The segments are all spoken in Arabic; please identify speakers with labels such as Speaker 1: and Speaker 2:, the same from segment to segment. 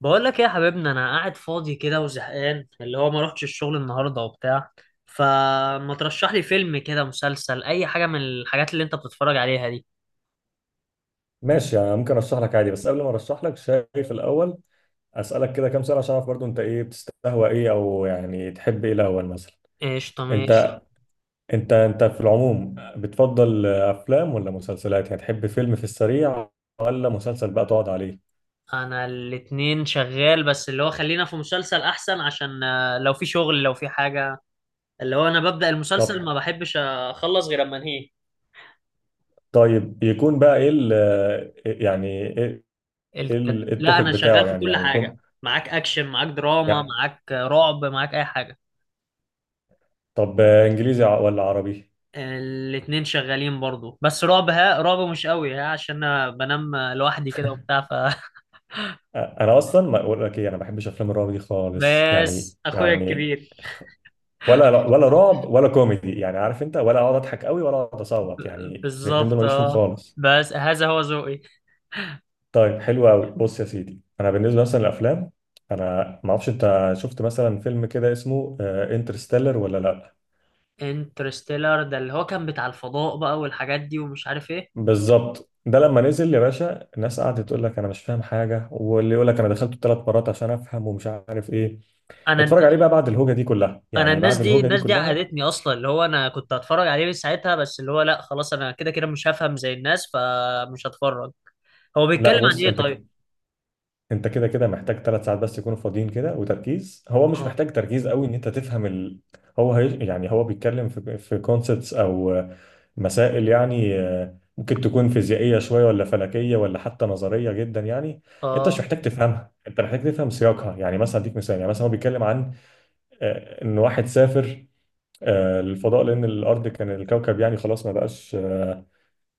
Speaker 1: بقول لك ايه يا حبيبنا؟ انا قاعد فاضي كده وزهقان، اللي هو ما روحتش الشغل النهارده وبتاع. فما ترشح لي فيلم كده، مسلسل، اي حاجه من الحاجات اللي انت بتتفرج عليها دي.
Speaker 2: ماشي، يعني ممكن ارشح لك عادي. بس قبل ما ارشح لك شايف الاول اسالك كده كام سؤال عشان اعرف برضو انت ايه بتستهوى، ايه، او يعني تحب ايه الاول. مثلا
Speaker 1: قشطه، ماشي.
Speaker 2: انت انت في العموم بتفضل افلام ولا مسلسلات؟ يعني تحب فيلم في السريع، ولا مسلسل بقى تقعد عليه؟
Speaker 1: انا الاتنين شغال، بس اللي هو خلينا في مسلسل احسن عشان لو في شغل لو في حاجه اللي هو انا ببدأ
Speaker 2: طب
Speaker 1: المسلسل ما بحبش اخلص غير اما انهيه.
Speaker 2: طيب يكون بقى ايه ال... يعني ايه؟
Speaker 1: لا
Speaker 2: التوبيك
Speaker 1: انا شغال
Speaker 2: بتاعه
Speaker 1: في
Speaker 2: يعني
Speaker 1: كل
Speaker 2: يعني يكون
Speaker 1: حاجه. معاك اكشن، معاك دراما،
Speaker 2: يعني.
Speaker 1: معاك رعب، معاك اي حاجه.
Speaker 2: انجليزي ولا عربي؟
Speaker 1: الاتنين شغالين برضو، بس رعب ها، رعب مش قوي ها، عشان انا بنام لوحدي كده وبتاع ف
Speaker 2: انا اصلا ما اقول لك ايه، انا ما بحبش افلام الرعب دي خالص، يعني
Speaker 1: بس اخويا
Speaker 2: يعني
Speaker 1: الكبير.
Speaker 2: ولا رعب ولا كوميدي، يعني عارف انت، ولا اقعد اضحك قوي ولا اقعد اصوت، يعني الاثنين دول
Speaker 1: بالظبط،
Speaker 2: ماليش فيهم
Speaker 1: اه.
Speaker 2: خالص.
Speaker 1: بس هذا هو ذوقي.
Speaker 2: طيب حلو قوي. بص يا سيدي، انا بالنسبه مثلا للافلام، انا ما اعرفش انت شفت مثلا فيلم كده اسمه انترستيلر ولا لا؟
Speaker 1: انترستيلر ده اللي هو كان بتاع الفضاء بقى والحاجات دي ومش عارف ايه.
Speaker 2: بالظبط، ده لما نزل يا باشا الناس قعدت تقول لك انا مش فاهم حاجه، واللي يقول لك انا دخلته 3 مرات عشان افهم ومش عارف ايه.
Speaker 1: انا
Speaker 2: اتفرج عليه بقى بعد الهوجه دي كلها،
Speaker 1: انا
Speaker 2: يعني
Speaker 1: الناس
Speaker 2: بعد
Speaker 1: دي،
Speaker 2: الهوجه دي
Speaker 1: الناس دي
Speaker 2: كلها.
Speaker 1: عقدتني اصلا، اللي هو انا كنت هتفرج عليه من ساعتها، بس اللي هو لا خلاص انا كده كده مش هفهم زي الناس، فمش هتفرج. هو
Speaker 2: لا،
Speaker 1: بيتكلم
Speaker 2: بص،
Speaker 1: عن ايه
Speaker 2: انت
Speaker 1: طيب؟
Speaker 2: انت كده كده محتاج 3 ساعات بس يكونوا فاضيين كده وتركيز. هو مش
Speaker 1: اه.
Speaker 2: محتاج تركيز قوي ان انت تفهم ال... يعني هو بيتكلم في كونسبتس او مسائل، يعني ممكن تكون فيزيائيه شويه، ولا فلكيه، ولا حتى نظريه جدا يعني. انت مش
Speaker 1: اه.
Speaker 2: محتاج تفهمها، انت محتاج تفهم سياقها. يعني مثلا اديك مثال، يعني مثلا هو بيتكلم عن ان واحد سافر للفضاء، لان الارض كان الكوكب يعني خلاص ما بقاش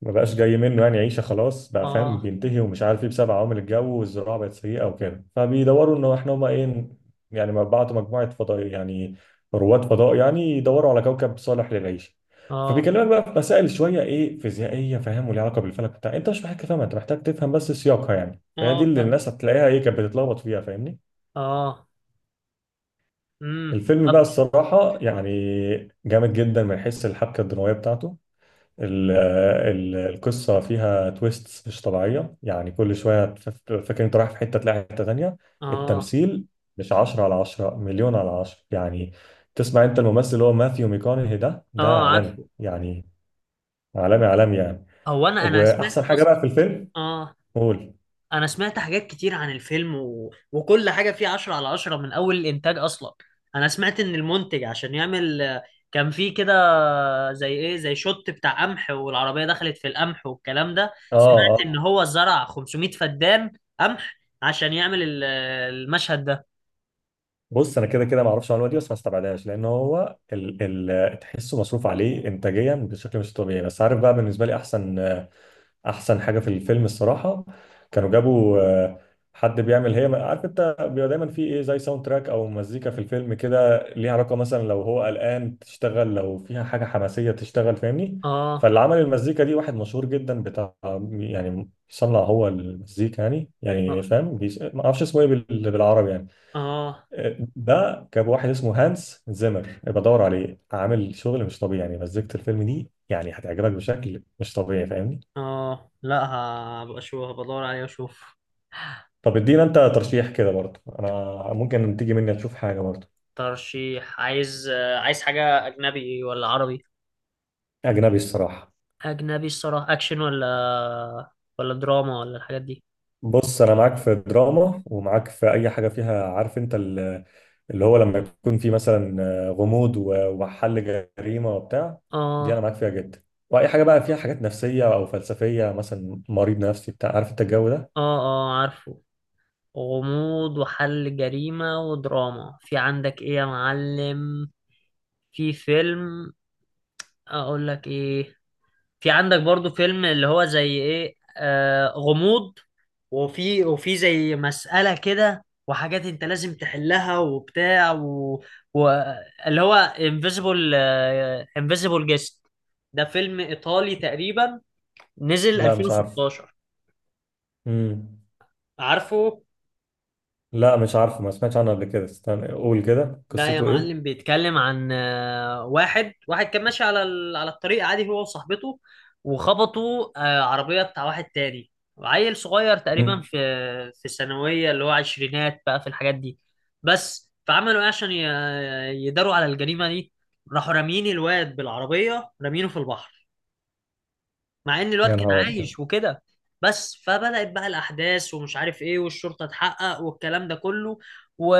Speaker 2: ما بقاش جاي منه، يعني عيشه خلاص بقى فاهم
Speaker 1: اه.
Speaker 2: بينتهي ومش عارف ايه، بسبب عوامل الجو والزراعه بقت سيئه وكده. فبيدوروا انه احنا هما ايه، يعني ما بعتوا مجموعه فضاء يعني رواد فضاء يعني يدوروا على كوكب صالح للعيشه.
Speaker 1: اه.
Speaker 2: فبيكلمك بقى في مسائل شويه ايه، فيزيائيه فاهم، وليها علاقه بالفلك بتاع. انت مش محتاج تفهمها، انت محتاج تفهم بس سياقها. يعني فهي دي
Speaker 1: اه،
Speaker 2: اللي
Speaker 1: فاهم.
Speaker 2: الناس هتلاقيها ايه، كانت بتتلخبط فيها، فاهمني.
Speaker 1: اه.
Speaker 2: الفيلم
Speaker 1: طب
Speaker 2: بقى الصراحه يعني جامد جدا من حيث الحبكه الدراميه بتاعته. القصة فيها تويستس مش طبيعية، يعني كل شوية فاكر انت رايح في حتة تلاقي حتة تانية.
Speaker 1: اه.
Speaker 2: التمثيل مش 10/10، 1000000/10 يعني. تسمع انت الممثل اللي هو ماثيو ميكونهي، ده
Speaker 1: اه،
Speaker 2: عالمي
Speaker 1: عارفه.
Speaker 2: يعني، عالمي عالمي يعني.
Speaker 1: هو انا سمعت
Speaker 2: واحسن حاجة
Speaker 1: اصلا.
Speaker 2: بقى في الفيلم،
Speaker 1: اه،
Speaker 2: قول.
Speaker 1: انا سمعت حاجات كتير عن الفيلم و... وكل حاجه فيه عشرة على عشرة من اول الانتاج اصلا. انا سمعت ان المنتج عشان يعمل كان فيه كده زي ايه، زي شوت بتاع قمح والعربيه دخلت في القمح والكلام ده.
Speaker 2: اه
Speaker 1: سمعت ان
Speaker 2: اه.
Speaker 1: هو زرع 500 فدان قمح عشان يعمل المشهد ده.
Speaker 2: بص، انا كده كده ما اعرفش المعلومه دي، بس ما استبعدهاش، لان هو ال تحسه مصروف عليه انتاجيا بشكل مش طبيعي. بس عارف بقى بالنسبه لي، احسن حاجه في الفيلم الصراحه، كانوا جابوا حد بيعمل، هي عارف انت بيبقى دايما في ايه زي ساوند تراك او مزيكا في الفيلم كده، ليها علاقه، مثلا لو هو قلقان تشتغل، لو فيها حاجه حماسيه تشتغل، فاهمني.
Speaker 1: اه.
Speaker 2: فاللي عمل المزيكا دي واحد مشهور جدا بتاع، يعني صنع هو المزيكا يعني، يعني
Speaker 1: اه.
Speaker 2: فاهم، ما اعرفش اسمه ايه بالعربي يعني.
Speaker 1: اه.
Speaker 2: ده جاب واحد اسمه هانس زيمر، يبقى دور عليه، عامل شغل مش طبيعي، يعني مزيكة الفيلم دي يعني هتعجبك بشكل مش طبيعي، فاهمني.
Speaker 1: لا هبقى اشوف، هبقى ادور عليه واشوف.
Speaker 2: طب ادينا انت ترشيح كده برضه، انا ممكن تيجي مني تشوف حاجه برضه.
Speaker 1: ترشيح؟ عايز عايز حاجة أجنبي ولا عربي؟
Speaker 2: اجنبي الصراحه.
Speaker 1: أجنبي الصراحة، أكشن ولا ولا دراما ولا الحاجات دي؟
Speaker 2: بص، انا معاك في دراما، ومعاك في اي حاجه فيها عارف انت ال-، اللي هو لما يكون في مثلا غموض وحل جريمه وبتاع، دي انا
Speaker 1: آه.
Speaker 2: معاك فيها جدا. واي حاجه بقى فيها حاجات نفسيه او فلسفيه، مثلا مريض نفسي بتاع، عارف انت الجو ده.
Speaker 1: آه. آه، عارفه. غموض وحل جريمة ودراما في عندك إيه يا معلم؟ في فيلم، أقول لك إيه، في عندك برضو فيلم اللي هو زي إيه، آه، غموض وفي زي مسألة كده وحاجات انت لازم تحلها وبتاع و... و... اللي هو انفيزيبل، انفيزيبل جيست. ده فيلم ايطالي تقريبا، نزل
Speaker 2: لا مش عارف.
Speaker 1: 2016.
Speaker 2: امم.
Speaker 1: عارفه؟
Speaker 2: لا مش عارفه، ما سمعتش عنه قبل كده. استنى، قول كده
Speaker 1: ده يا
Speaker 2: قصته
Speaker 1: معلم
Speaker 2: ايه.
Speaker 1: بيتكلم عن واحد كان ماشي على على الطريق عادي هو وصاحبته، وخبطوا عربية بتاع واحد تاني، عيل صغير تقريبا
Speaker 2: امم.
Speaker 1: في في الثانوية، اللي هو عشرينات بقى في الحاجات دي. بس فعملوا ايه عشان يداروا على الجريمة دي؟ راحوا رامين الواد بالعربية، رامينه في البحر، مع ان الواد
Speaker 2: يا
Speaker 1: كان
Speaker 2: نهار أبيض.
Speaker 1: عايش وكده. بس فبدأت بقى الأحداث ومش عارف إيه والشرطة تحقق والكلام ده كله و...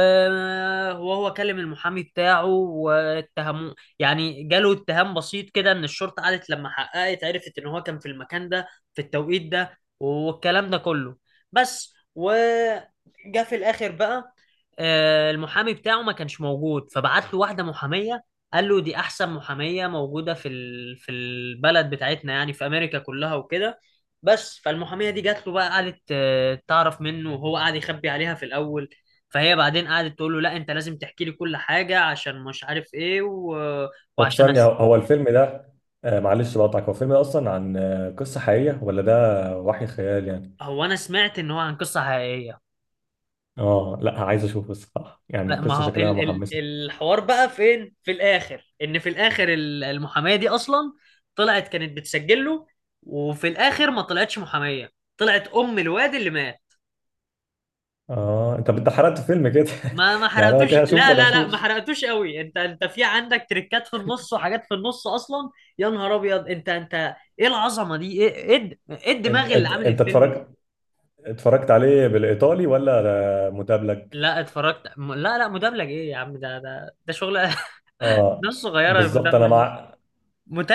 Speaker 1: وهو كلم المحامي بتاعه واتهموه، يعني جاله اتهام بسيط كده إن الشرطة قعدت لما حققت عرفت إن هو كان في المكان ده في التوقيت ده والكلام ده كله. بس وجا في الآخر بقى المحامي بتاعه ما كانش موجود فبعت له واحدة محامية، قال له دي احسن محاميه موجوده في في البلد بتاعتنا يعني في امريكا كلها وكده. بس فالمحاميه دي جات له بقى، قعدت تعرف منه وهو قعد يخبي عليها في الاول. فهي بعدين قعدت تقول له لا انت لازم تحكي لي كل حاجه عشان مش عارف ايه و...
Speaker 2: طب
Speaker 1: وعشان
Speaker 2: ثانية، هو
Speaker 1: أس...
Speaker 2: هو الفيلم ده، آه معلش بقطعك، هو الفيلم ده أصلا عن آه قصة حقيقية، ولا ده وحي خيال يعني؟
Speaker 1: هو انا سمعت ان هو عن قصه حقيقيه.
Speaker 2: آه لا، عايز أشوفه الصراحة، يعني
Speaker 1: ما
Speaker 2: قصة
Speaker 1: هو
Speaker 2: شكلها محمسة.
Speaker 1: الحوار بقى فين في الاخر، ان في الاخر المحاميه دي اصلا طلعت كانت بتسجل له، وفي الاخر ما طلعتش محاميه، طلعت ام الواد اللي مات.
Speaker 2: آه، أنت حرقت فيلم كده.
Speaker 1: ما
Speaker 2: يعني أنا
Speaker 1: حرقتوش،
Speaker 2: كده أشوف
Speaker 1: لا
Speaker 2: ولا
Speaker 1: لا لا، ما
Speaker 2: أشوفش؟
Speaker 1: حرقتوش قوي، انت انت في عندك تريكات في النص وحاجات في النص اصلا. يا نهار ابيض، انت انت ايه العظمه دي؟ ايه، ايه
Speaker 2: أنت
Speaker 1: الدماغ اللي
Speaker 2: أنت
Speaker 1: عامل
Speaker 2: أنت
Speaker 1: الفيلم دي؟
Speaker 2: اتفرجت، عليه بالإيطالي، ولا ده مدبلج؟
Speaker 1: لا اتفرجت لا لا، مدبلج؟ ايه يا عم، ده ده ده شغل
Speaker 2: آه
Speaker 1: ناس صغيره
Speaker 2: بالظبط. أنا
Speaker 1: المدبلج.
Speaker 2: مع.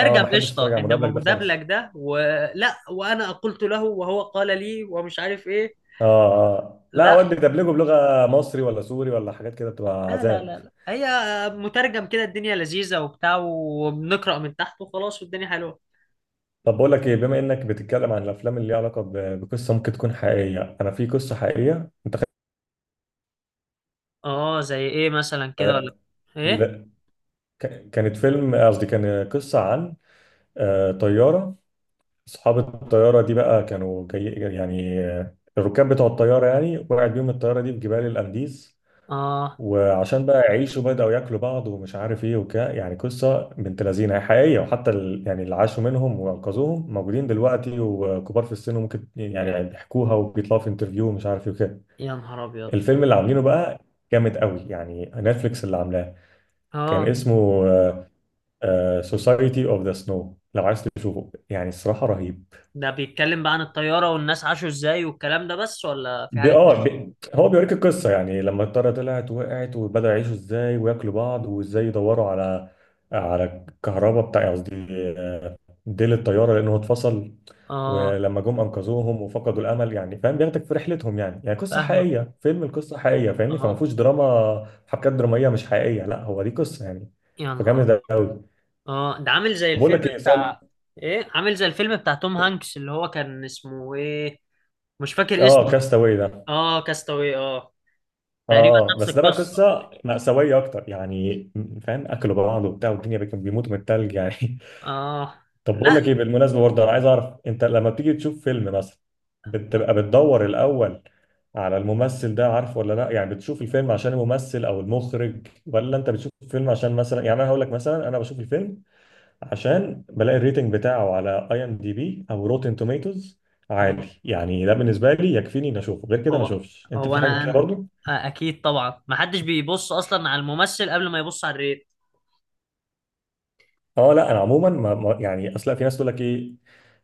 Speaker 2: آه، ما أحبش أتفرج
Speaker 1: قشطه،
Speaker 2: على
Speaker 1: انما
Speaker 2: مدبلج ده خالص.
Speaker 1: مدبلج ده، ولا وانا قلت له وهو قال لي ومش عارف ايه.
Speaker 2: آه آه لا،
Speaker 1: لا
Speaker 2: أود دبلجه بلغة مصري ولا سوري ولا حاجات كده بتبقى
Speaker 1: لا لا
Speaker 2: عذاب.
Speaker 1: لا، لا هي مترجم كده الدنيا لذيذه وبتاع، وبنقرا من تحت وخلاص والدنيا حلوه.
Speaker 2: طب بقول لك ايه، بما انك بتتكلم عن الافلام اللي ليها علاقه بقصه ممكن تكون حقيقيه، انا في قصه حقيقيه انت
Speaker 1: اه، زي ايه مثلا كده ولا؟ ايه؟
Speaker 2: ل- كانت فيلم، قصدي كان قصه عن طياره. اصحاب الطياره دي بقى كانوا جاي يعني، الركاب بتوع الطياره يعني، وقعت بيهم الطياره دي في جبال الانديز،
Speaker 1: اه.
Speaker 2: وعشان بقى يعيشوا بداوا ياكلوا بعض ومش عارف ايه وكده. يعني قصه بنت لذينه، هي حقيقيه، وحتى يعني اللي عاشوا منهم وانقذوهم موجودين دلوقتي وكبار في السن، وممكن يعني بيحكوها وبيطلعوا في انترفيو ومش عارف ايه وكده.
Speaker 1: يا نهار ابيض.
Speaker 2: الفيلم اللي عاملينه بقى جامد قوي يعني، نتفليكس اللي عاملاه، كان
Speaker 1: اه،
Speaker 2: اسمه سوسايتي اوف ذا سنو. لو عايز تشوفه يعني، الصراحة رهيب.
Speaker 1: ده بيتكلم بقى عن الطيارة والناس عاشوا ازاي والكلام ده بس ولا في حاجة تانية؟
Speaker 2: بي هو بيوريك القصة، يعني لما الطيارة طلعت وقعت وبدأوا يعيشوا ازاي وياكلوا بعض، وازاي يدوروا على على الكهرباء بتاع، قصدي ديل الطياره لانه اتفصل.
Speaker 1: اه،
Speaker 2: ولما جم انقذوهم وفقدوا الامل يعني، فاهم بياخدك في رحلتهم يعني، يعني قصه
Speaker 1: فاهمك.
Speaker 2: حقيقيه فيلم القصه حقيقيه، فاهمني. فما
Speaker 1: اه.
Speaker 2: فيهوش دراما حبكات دراميه مش حقيقيه، لا هو دي قصه يعني.
Speaker 1: يا نهار
Speaker 2: فجامد
Speaker 1: ابيض.
Speaker 2: قوي.
Speaker 1: اه، ده عامل زي
Speaker 2: بقول
Speaker 1: الفيلم
Speaker 2: لك ايه، سؤال.
Speaker 1: بتاع، ايه، عامل زي الفيلم بتاع توم هانكس اللي هو كان اسمه ايه؟ مش فاكر
Speaker 2: اه،
Speaker 1: اسمه.
Speaker 2: كاستاوي ده.
Speaker 1: اه، كاستاوي، اه. تقريبا
Speaker 2: اه
Speaker 1: نفس
Speaker 2: بس ده بقى
Speaker 1: القصة.
Speaker 2: قصه مأساويه اكتر يعني، فاهم، اكلوا بعض وبتاع، والدنيا كانوا بيموتوا من التلج يعني.
Speaker 1: اه.
Speaker 2: طب بقول
Speaker 1: لا.
Speaker 2: لك ايه بالمناسبه برضه، انا عايز اعرف انت لما بتيجي تشوف فيلم مثلا بتبقى بتدور الاول على الممثل ده، عارفه ولا لا؟ يعني بتشوف الفيلم عشان الممثل او المخرج، ولا انت بتشوف الفيلم عشان مثلا، يعني انا هقول لك مثلا، انا بشوف الفيلم عشان بلاقي الريتنج بتاعه على اي ام دي بي او روتن توميتوز عالي
Speaker 1: آه.
Speaker 2: يعني. ده بالنسبه لي يكفيني اني اشوفه، غير كده ما
Speaker 1: هو
Speaker 2: اشوفش. انت
Speaker 1: هو
Speaker 2: في حاجه كده برضه؟
Speaker 1: اكيد طبعا، ما حدش بيبص اصلا على الممثل قبل ما يبص على الريت.
Speaker 2: اه لا، انا عموما يعني، اصل في ناس تقول لك ايه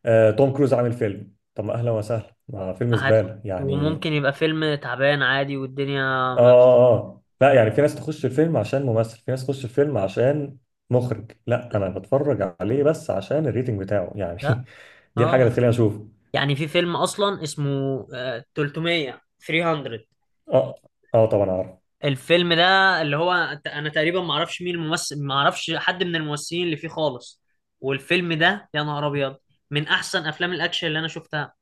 Speaker 2: توم كروز عامل فيلم، طب ما اهلا وسهلا ما فيلم
Speaker 1: هت...
Speaker 2: زباله يعني.
Speaker 1: وممكن يبقى فيلم تعبان عادي والدنيا
Speaker 2: اه
Speaker 1: ما...
Speaker 2: اه آه. لا يعني في ناس تخش الفيلم عشان ممثل، في ناس تخش الفيلم عشان مخرج. لا انا بتفرج عليه بس عشان الريتنج بتاعه يعني.
Speaker 1: لا.
Speaker 2: دي الحاجه اللي
Speaker 1: اه،
Speaker 2: تخليني اشوفه.
Speaker 1: يعني في فيلم اصلا اسمه 300. 300
Speaker 2: اه اه طبعا عارف.
Speaker 1: الفيلم ده، اللي هو انا تقريبا ما اعرفش مين الممثل، ما اعرفش حد من الممثلين اللي فيه خالص. والفيلم ده يا نهار ابيض من احسن افلام الاكشن اللي انا شفتها.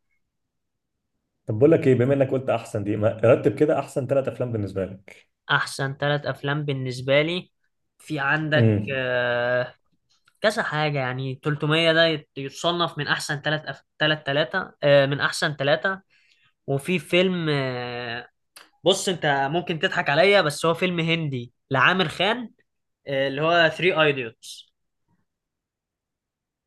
Speaker 2: طب بقول لك ايه، بما انك قلت احسن دي ما رتب كده احسن 3 افلام بالنسبه لك.
Speaker 1: احسن ثلاث افلام بالنسبه لي، في عندك
Speaker 2: امم.
Speaker 1: كذا حاجه يعني. 300 ده يتصنف من احسن ثلاث ثلاثه، من احسن ثلاثه. وفي فيلم بص انت ممكن تضحك عليا، بس هو فيلم هندي لعامر خان، اللي هو 3 ايديوتس.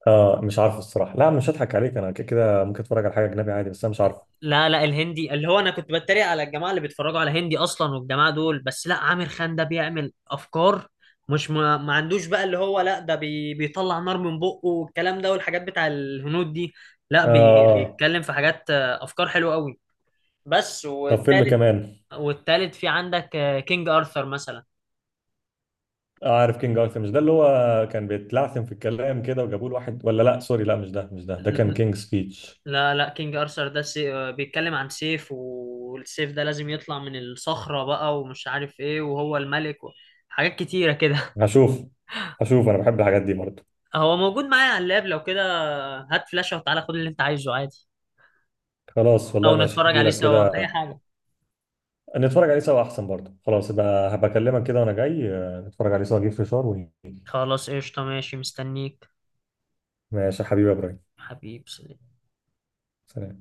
Speaker 2: اه مش عارفه الصراحه، لا مش هضحك عليك، انا كده كده ممكن اتفرج على حاجه اجنبي عادي، بس انا مش عارفه.
Speaker 1: لا لا، الهندي اللي هو انا كنت بتريق على الجماعه اللي بيتفرجوا على هندي اصلا والجماعه دول، بس لا عامر خان ده بيعمل افكار، مش ما عندوش بقى اللي هو لا ده بي بيطلع نار من بقه والكلام ده والحاجات بتاع الهنود دي، لا
Speaker 2: اه
Speaker 1: بي
Speaker 2: آه.
Speaker 1: بيتكلم في حاجات افكار حلوه قوي. بس
Speaker 2: طب فيلم
Speaker 1: والتالت،
Speaker 2: كمان.
Speaker 1: والتالت في عندك كينج ارثر
Speaker 2: آه عارف كينج ارثر. مش ده اللي هو كان بيتلعثم في الكلام كده وجابوا له واحد؟ ولا لا سوري، لا مش ده مش ده، ده كان
Speaker 1: مثلا.
Speaker 2: كينج سبيتش.
Speaker 1: لا لا، كينج ارثر ده سي... آه، بيتكلم عن سيف، والسيف ده لازم يطلع من الصخرة بقى ومش عارف ايه، وهو الملك و... حاجات كتيرة كده.
Speaker 2: هشوف هشوف، انا بحب الحاجات دي برضه.
Speaker 1: هو موجود معايا على اللاب، لو كده هات فلاشة وتعالى خد اللي انت عايزه عادي.
Speaker 2: خلاص والله،
Speaker 1: او
Speaker 2: ماشي،
Speaker 1: نتفرج
Speaker 2: هجي
Speaker 1: عليه
Speaker 2: لك
Speaker 1: سوا اي
Speaker 2: كده.
Speaker 1: حاجة.
Speaker 2: نتفرج عليه سوا احسن برضه، خلاص يبقى هبكلمك كده وانا جاي، نتفرج عليه سوا، اجيب فشار ونيجي.
Speaker 1: خلاص قشطة، ماشي، مستنيك.
Speaker 2: ماشي يا حبيبي يا ابراهيم.
Speaker 1: حبيبي، سلام.
Speaker 2: سلام.